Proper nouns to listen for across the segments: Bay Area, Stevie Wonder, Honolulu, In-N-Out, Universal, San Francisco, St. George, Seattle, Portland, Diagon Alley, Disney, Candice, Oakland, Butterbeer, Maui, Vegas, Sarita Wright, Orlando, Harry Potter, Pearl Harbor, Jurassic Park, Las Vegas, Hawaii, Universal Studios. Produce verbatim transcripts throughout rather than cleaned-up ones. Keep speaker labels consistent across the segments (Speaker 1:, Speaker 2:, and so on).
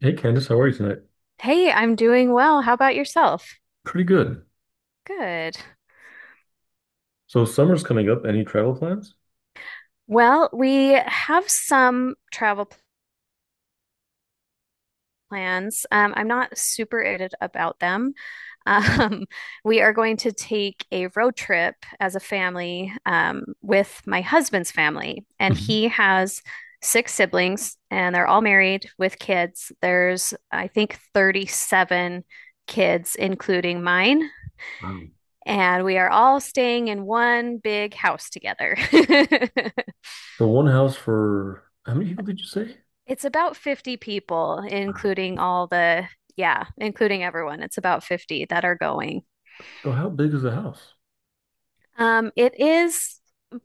Speaker 1: Hey Candice, how are you tonight?
Speaker 2: Hey, I'm doing well. How about yourself?
Speaker 1: Pretty good.
Speaker 2: Good.
Speaker 1: So summer's coming up. Any travel plans?
Speaker 2: Well, we have some travel plans. Um, I'm not super excited about them. Um, we are going to take a road trip as a family um, with my husband's family, and
Speaker 1: Mhm.
Speaker 2: he has six siblings, and they're all married with kids. There's, I think, thirty-seven kids, including mine.
Speaker 1: Wow.
Speaker 2: And we are all staying in one big house together.
Speaker 1: So one house for how many people did you say?
Speaker 2: It's about fifty people,
Speaker 1: Wow.
Speaker 2: including all the, yeah, including everyone. It's about fifty that are going.
Speaker 1: So how big is the house?
Speaker 2: Um, it is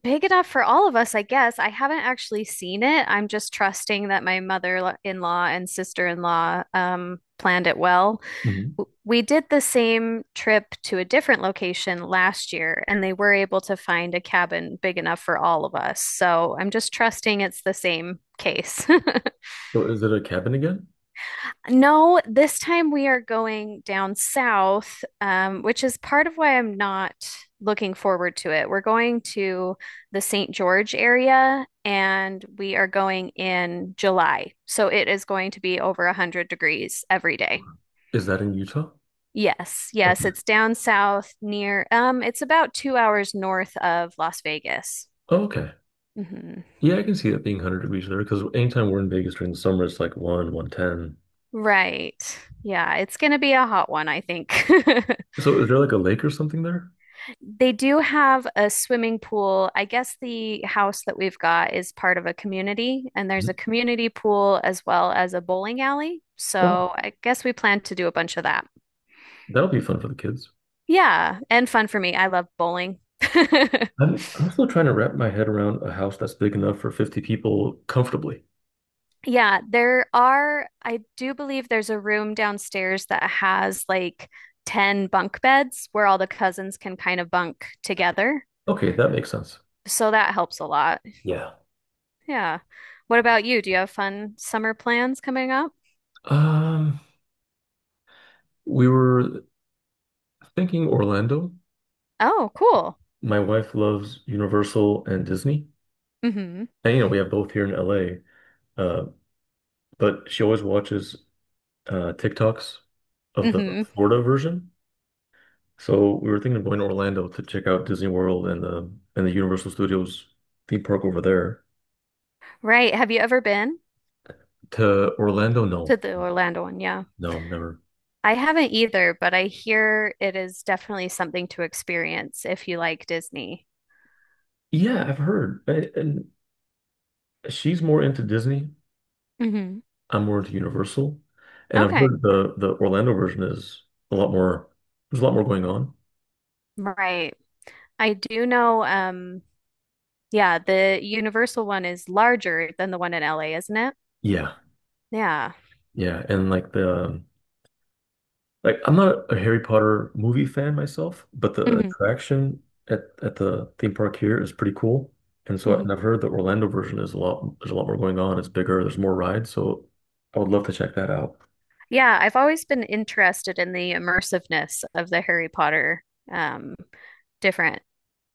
Speaker 2: big enough for all of us, I guess. I haven't actually seen it. I'm just trusting that my mother-in-law and sister-in-law um, planned it well.
Speaker 1: Mhm.
Speaker 2: w- We did the same trip to a different location last year, and they were able to find a cabin big enough for all of us. So I'm just trusting it's the same case.
Speaker 1: So is it a cabin again?
Speaker 2: No, this time we are going down south, um, which is part of why I'm not looking forward to it. We're going to the Saint George area and we are going in July. So it is going to be over one hundred degrees every day.
Speaker 1: Is that in Utah?
Speaker 2: Yes, yes,
Speaker 1: Okay.
Speaker 2: it's down south near, um, it's about two hours north of Las Vegas.
Speaker 1: Oh, okay.
Speaker 2: Hmm.
Speaker 1: Yeah, I can see that being one hundred degrees there because anytime we're in Vegas during the summer, it's like one, one ten.
Speaker 2: Right. Yeah, it's going to be a hot one, I think.
Speaker 1: So is there like a lake or something there?
Speaker 2: They do have a swimming pool. I guess the house that we've got is part of a community, and there's a
Speaker 1: Mhm.
Speaker 2: community pool as well as a bowling alley.
Speaker 1: Oh,
Speaker 2: So I guess we plan to do a bunch of that.
Speaker 1: that'll be fun for the kids.
Speaker 2: Yeah, and fun for me. I love bowling.
Speaker 1: I'm, I'm still trying to wrap my head around a house that's big enough for fifty people comfortably.
Speaker 2: Yeah, there are, I do believe there's a room downstairs that has like ten bunk beds where all the cousins can kind of bunk together.
Speaker 1: Okay, that makes sense.
Speaker 2: So that helps a lot.
Speaker 1: Yeah.
Speaker 2: Yeah. What about you? Do you have fun summer plans coming up?
Speaker 1: Um, we were thinking Orlando.
Speaker 2: Oh, cool.
Speaker 1: My wife loves Universal and Disney.
Speaker 2: Mm-hmm.
Speaker 1: And you know, we have both here in L A. Uh, but she always watches uh TikToks of the
Speaker 2: Mm-hmm.
Speaker 1: Florida version. So we were thinking of going to Orlando to check out Disney World and the and the Universal Studios theme park over there.
Speaker 2: Right. Have you ever been
Speaker 1: To Orlando,
Speaker 2: to
Speaker 1: no,
Speaker 2: the Orlando one? Yeah.
Speaker 1: no, never.
Speaker 2: I haven't either, but I hear it is definitely something to experience if you like Disney.
Speaker 1: Yeah, I've heard. And, and she's more into Disney.
Speaker 2: Hmm.
Speaker 1: I'm more into Universal. And I've heard
Speaker 2: Okay.
Speaker 1: the the Orlando version is a lot more. There's a lot more going on.
Speaker 2: Right. I do know um Yeah, the Universal one is larger than the one in L A, isn't it?
Speaker 1: Yeah,
Speaker 2: Yeah.
Speaker 1: yeah, and like the um, like I'm not a Harry Potter movie fan myself, but the
Speaker 2: Hmm.
Speaker 1: attraction at, at the theme park here is pretty cool. And so and I've
Speaker 2: Hmm.
Speaker 1: heard the Orlando version is a lot there's a lot more going on. It's bigger, there's more rides, so I would love to check that out.
Speaker 2: Yeah, I've always been interested in the immersiveness of the Harry Potter um, different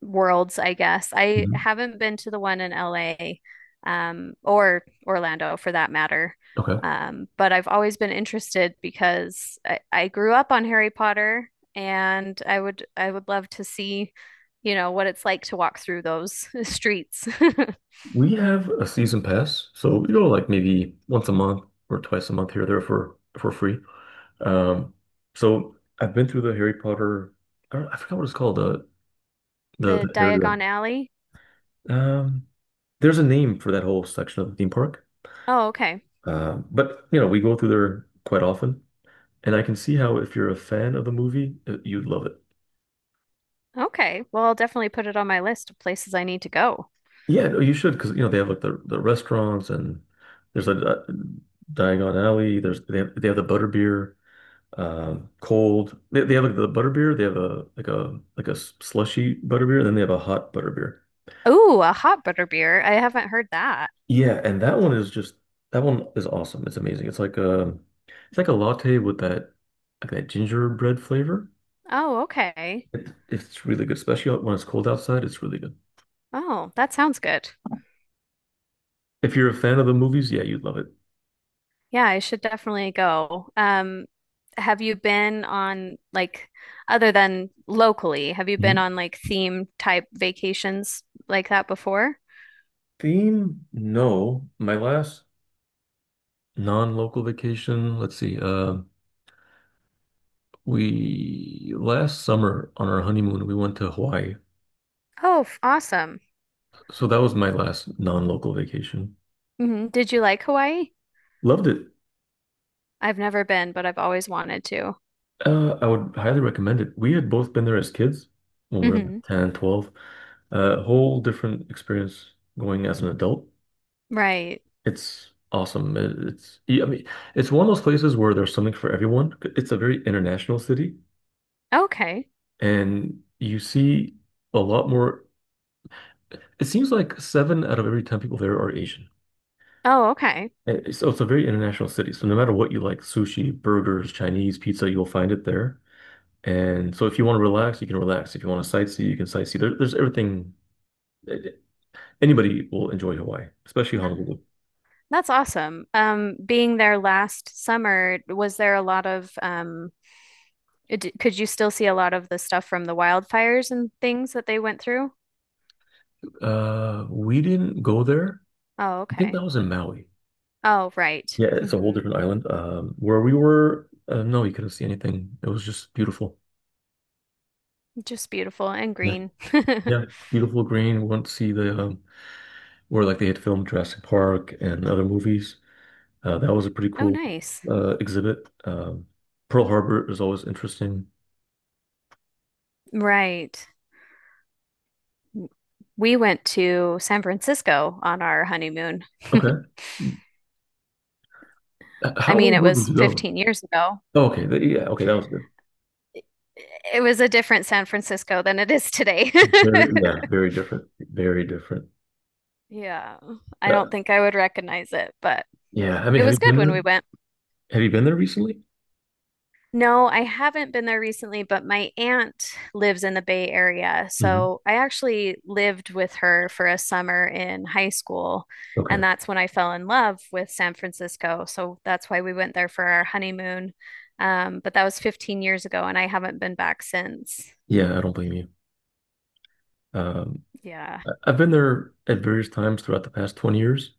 Speaker 2: worlds, I guess. I
Speaker 1: Mhm.
Speaker 2: haven't been to the one in L A um, or Orlando for that matter.
Speaker 1: Okay.
Speaker 2: Um, but I've always been interested because I, I grew up on Harry Potter and I would I would love to see, you know, what it's like to walk through those streets.
Speaker 1: We have a season pass, so we
Speaker 2: The
Speaker 1: go like maybe once a month or twice a month here or there for for free. Um, so I've been through the Harry Potter. I don't, I forgot what it's called. The the, the area.
Speaker 2: Diagon Alley.
Speaker 1: Um, there's a name for that whole section of the theme park.
Speaker 2: Oh, okay.
Speaker 1: Um, but you know, we go through there quite often, and I can see how if you're a fan of the movie, uh, you'd love it.
Speaker 2: Okay. Well, I'll definitely put it on my list of places I need to go.
Speaker 1: Yeah, no, you should because you know they have like the, the restaurants and there's a uh Diagon Alley. There's they have they have the Butterbeer, um, cold. They, they have like the Butterbeer. They have a like a like a s- slushy Butterbeer, and then they have a hot Butterbeer.
Speaker 2: Ooh, a hot butter beer. I haven't heard that.
Speaker 1: Yeah, and that one is just that one is awesome. It's amazing. It's like a it's like a latte with that like that gingerbread flavor.
Speaker 2: Oh, okay.
Speaker 1: It, it's really good, especially when it's cold outside. It's really good.
Speaker 2: Oh, that sounds good.
Speaker 1: If you're a fan of the movies, yeah, you'd love it.
Speaker 2: Yeah, I should definitely go. Um, have you been on like other than locally, have you been
Speaker 1: Mhm.
Speaker 2: on like theme type vacations like that before?
Speaker 1: Theme? No. My last non-local vacation, let's see. Uh, we last summer on our honeymoon, we went to Hawaii.
Speaker 2: Oh, f- awesome.
Speaker 1: So that was my last non-local vacation.
Speaker 2: Hmm. Did you like Hawaii?
Speaker 1: Loved it.
Speaker 2: I've never been, but I've always wanted to.
Speaker 1: Uh, I would highly recommend it. We had both been there as kids when we were like
Speaker 2: Hmm.
Speaker 1: ten, twelve. Uh, whole different experience going as an adult.
Speaker 2: Right.
Speaker 1: It's awesome. It- It's yeah, I mean, it's one of those places where there's something for everyone. It's a very international city,
Speaker 2: Okay.
Speaker 1: and you see a lot more. It seems like seven out of every ten people there are Asian.
Speaker 2: Oh, okay.
Speaker 1: Eh, So it's a very international city. So no matter what you like, sushi, burgers, Chinese, pizza, you'll find it there. And so if you want to relax, you can relax. If you want to sightsee, you can sightsee. There, there's everything. eh, eh, Anybody will enjoy Hawaii, especially Honolulu.
Speaker 2: That's awesome. Um, being there last summer, was there a lot of um, d could you still see a lot of the stuff from the wildfires and things that they went through?
Speaker 1: Uh, we didn't go there.
Speaker 2: Oh,
Speaker 1: I think
Speaker 2: okay.
Speaker 1: that was in Maui.
Speaker 2: Oh, right.
Speaker 1: Yeah, it's a whole
Speaker 2: Hmm.
Speaker 1: different island. Um, where we were, uh, no, you couldn't see anything. It was just beautiful.
Speaker 2: Just beautiful and
Speaker 1: Yeah,
Speaker 2: green.
Speaker 1: yeah, beautiful green. We went to see the um, where like they had filmed Jurassic Park and other movies. Uh, that was a pretty
Speaker 2: Oh,
Speaker 1: cool
Speaker 2: nice.
Speaker 1: uh, exhibit. Um, Pearl Harbor is always interesting.
Speaker 2: Right. We went to San Francisco on our honeymoon.
Speaker 1: Okay, Uh,
Speaker 2: I
Speaker 1: how
Speaker 2: mean,
Speaker 1: long
Speaker 2: it
Speaker 1: ago did
Speaker 2: was
Speaker 1: you go?
Speaker 2: fifteen years ago.
Speaker 1: Oh, okay, th- yeah, okay, that was good.
Speaker 2: It was a different San Francisco than it is today.
Speaker 1: Very, yeah, very different, very different.
Speaker 2: Yeah. I don't
Speaker 1: Uh,
Speaker 2: think I would recognize it, but
Speaker 1: yeah, I mean,
Speaker 2: it
Speaker 1: have you
Speaker 2: was good
Speaker 1: been
Speaker 2: when
Speaker 1: there?
Speaker 2: we went.
Speaker 1: Have you been there recently?
Speaker 2: No, I haven't been there recently, but my aunt lives in the Bay Area.
Speaker 1: Hmm.
Speaker 2: So I actually lived with her for a summer in high school.
Speaker 1: Okay,
Speaker 2: And that's when I fell in love with San Francisco. So that's why we went there for our honeymoon. Um, but that was 15 years ago, and I haven't been back since.
Speaker 1: yeah, I don't blame you. Um,
Speaker 2: Yeah.
Speaker 1: I- I've been there at various times throughout the past twenty years.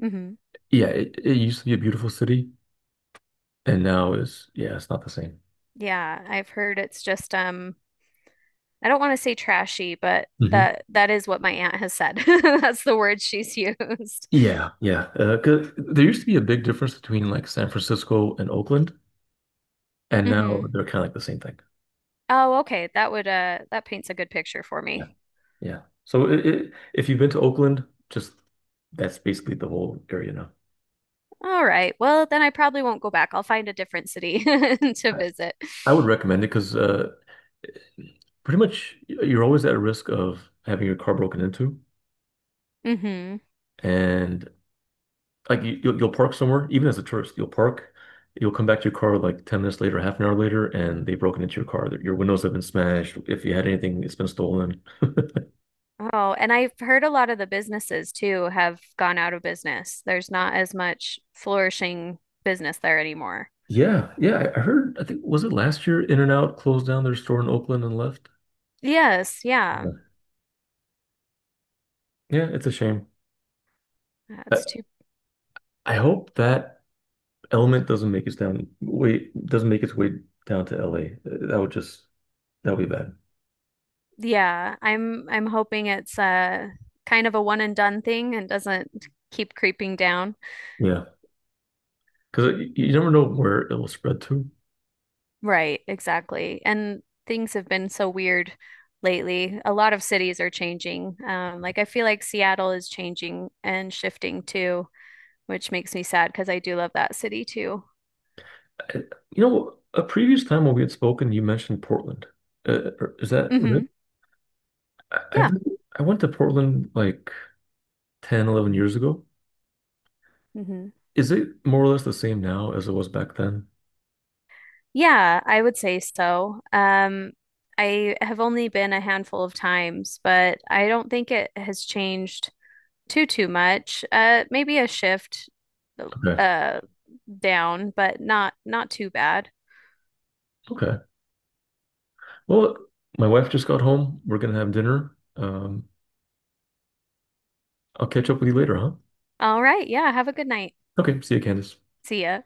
Speaker 2: Hmm.
Speaker 1: Yeah, it, it used to be a beautiful city, and now is yeah, it's not the same.
Speaker 2: Yeah. I've heard it's just, um, I don't want to say trashy, but
Speaker 1: Hmm.
Speaker 2: that that is what my aunt has said. That's the word she's used.
Speaker 1: Yeah, yeah. Uh, 'cause there used to be a big difference between like San Francisco and Oakland, and now they're kind of like the same thing.
Speaker 2: Oh, okay. That would uh that paints a good picture for
Speaker 1: Yeah,
Speaker 2: me.
Speaker 1: yeah. So it, it, if you've been to Oakland, just that's basically the whole area now.
Speaker 2: All right. Well, then I probably won't go back. I'll find a different city to
Speaker 1: I,
Speaker 2: visit.
Speaker 1: I would recommend it because uh, pretty much you're always at risk of having your car broken into,
Speaker 2: Hmm.
Speaker 1: and like you, you'll, you'll park somewhere, even as a tourist, you'll park, you'll come back to your car like ten minutes later, half an hour later, and they've broken into your car. Your windows have been smashed. If you had anything, it's been stolen.
Speaker 2: Oh, and I've heard a lot of the businesses too have gone out of business. There's not as much flourishing business there anymore.
Speaker 1: Yeah, yeah, I I heard, I think, was it last year In-N-Out closed down their store in Oakland and left?
Speaker 2: Yes, yeah.
Speaker 1: Yeah, yeah, it's a shame. I,
Speaker 2: That's too.
Speaker 1: I hope that element doesn't make its down way doesn't make its way down to L A. Uh, That would just that would be bad.
Speaker 2: Yeah, I'm I'm hoping it's uh kind of a one and done thing and doesn't keep creeping down.
Speaker 1: Yeah, because you you never know where it will spread to.
Speaker 2: Right, exactly. And things have been so weird lately. A lot of cities are changing. Um, like I feel like Seattle is changing and shifting too, which makes me sad because I do love that city too.
Speaker 1: And, you know, a previous time when we had spoken, you mentioned Portland. Uh, is that right?
Speaker 2: Hmm.
Speaker 1: I, I've
Speaker 2: Yeah.
Speaker 1: been- I went to Portland like ten, eleven years ago.
Speaker 2: Hmm.
Speaker 1: Is it more or less the same now as it was back then?
Speaker 2: Yeah, I would say so. Um, I have only been a handful of times, but I don't think it has changed too too much. Uh, maybe a shift
Speaker 1: Okay.
Speaker 2: uh down, but not not too bad.
Speaker 1: Okay. Well, my wife just got home. We're gonna have dinner. Um, I'll catch up with you later, huh?
Speaker 2: All right. Yeah. Have a good night.
Speaker 1: Okay. See you, Candace.
Speaker 2: See ya.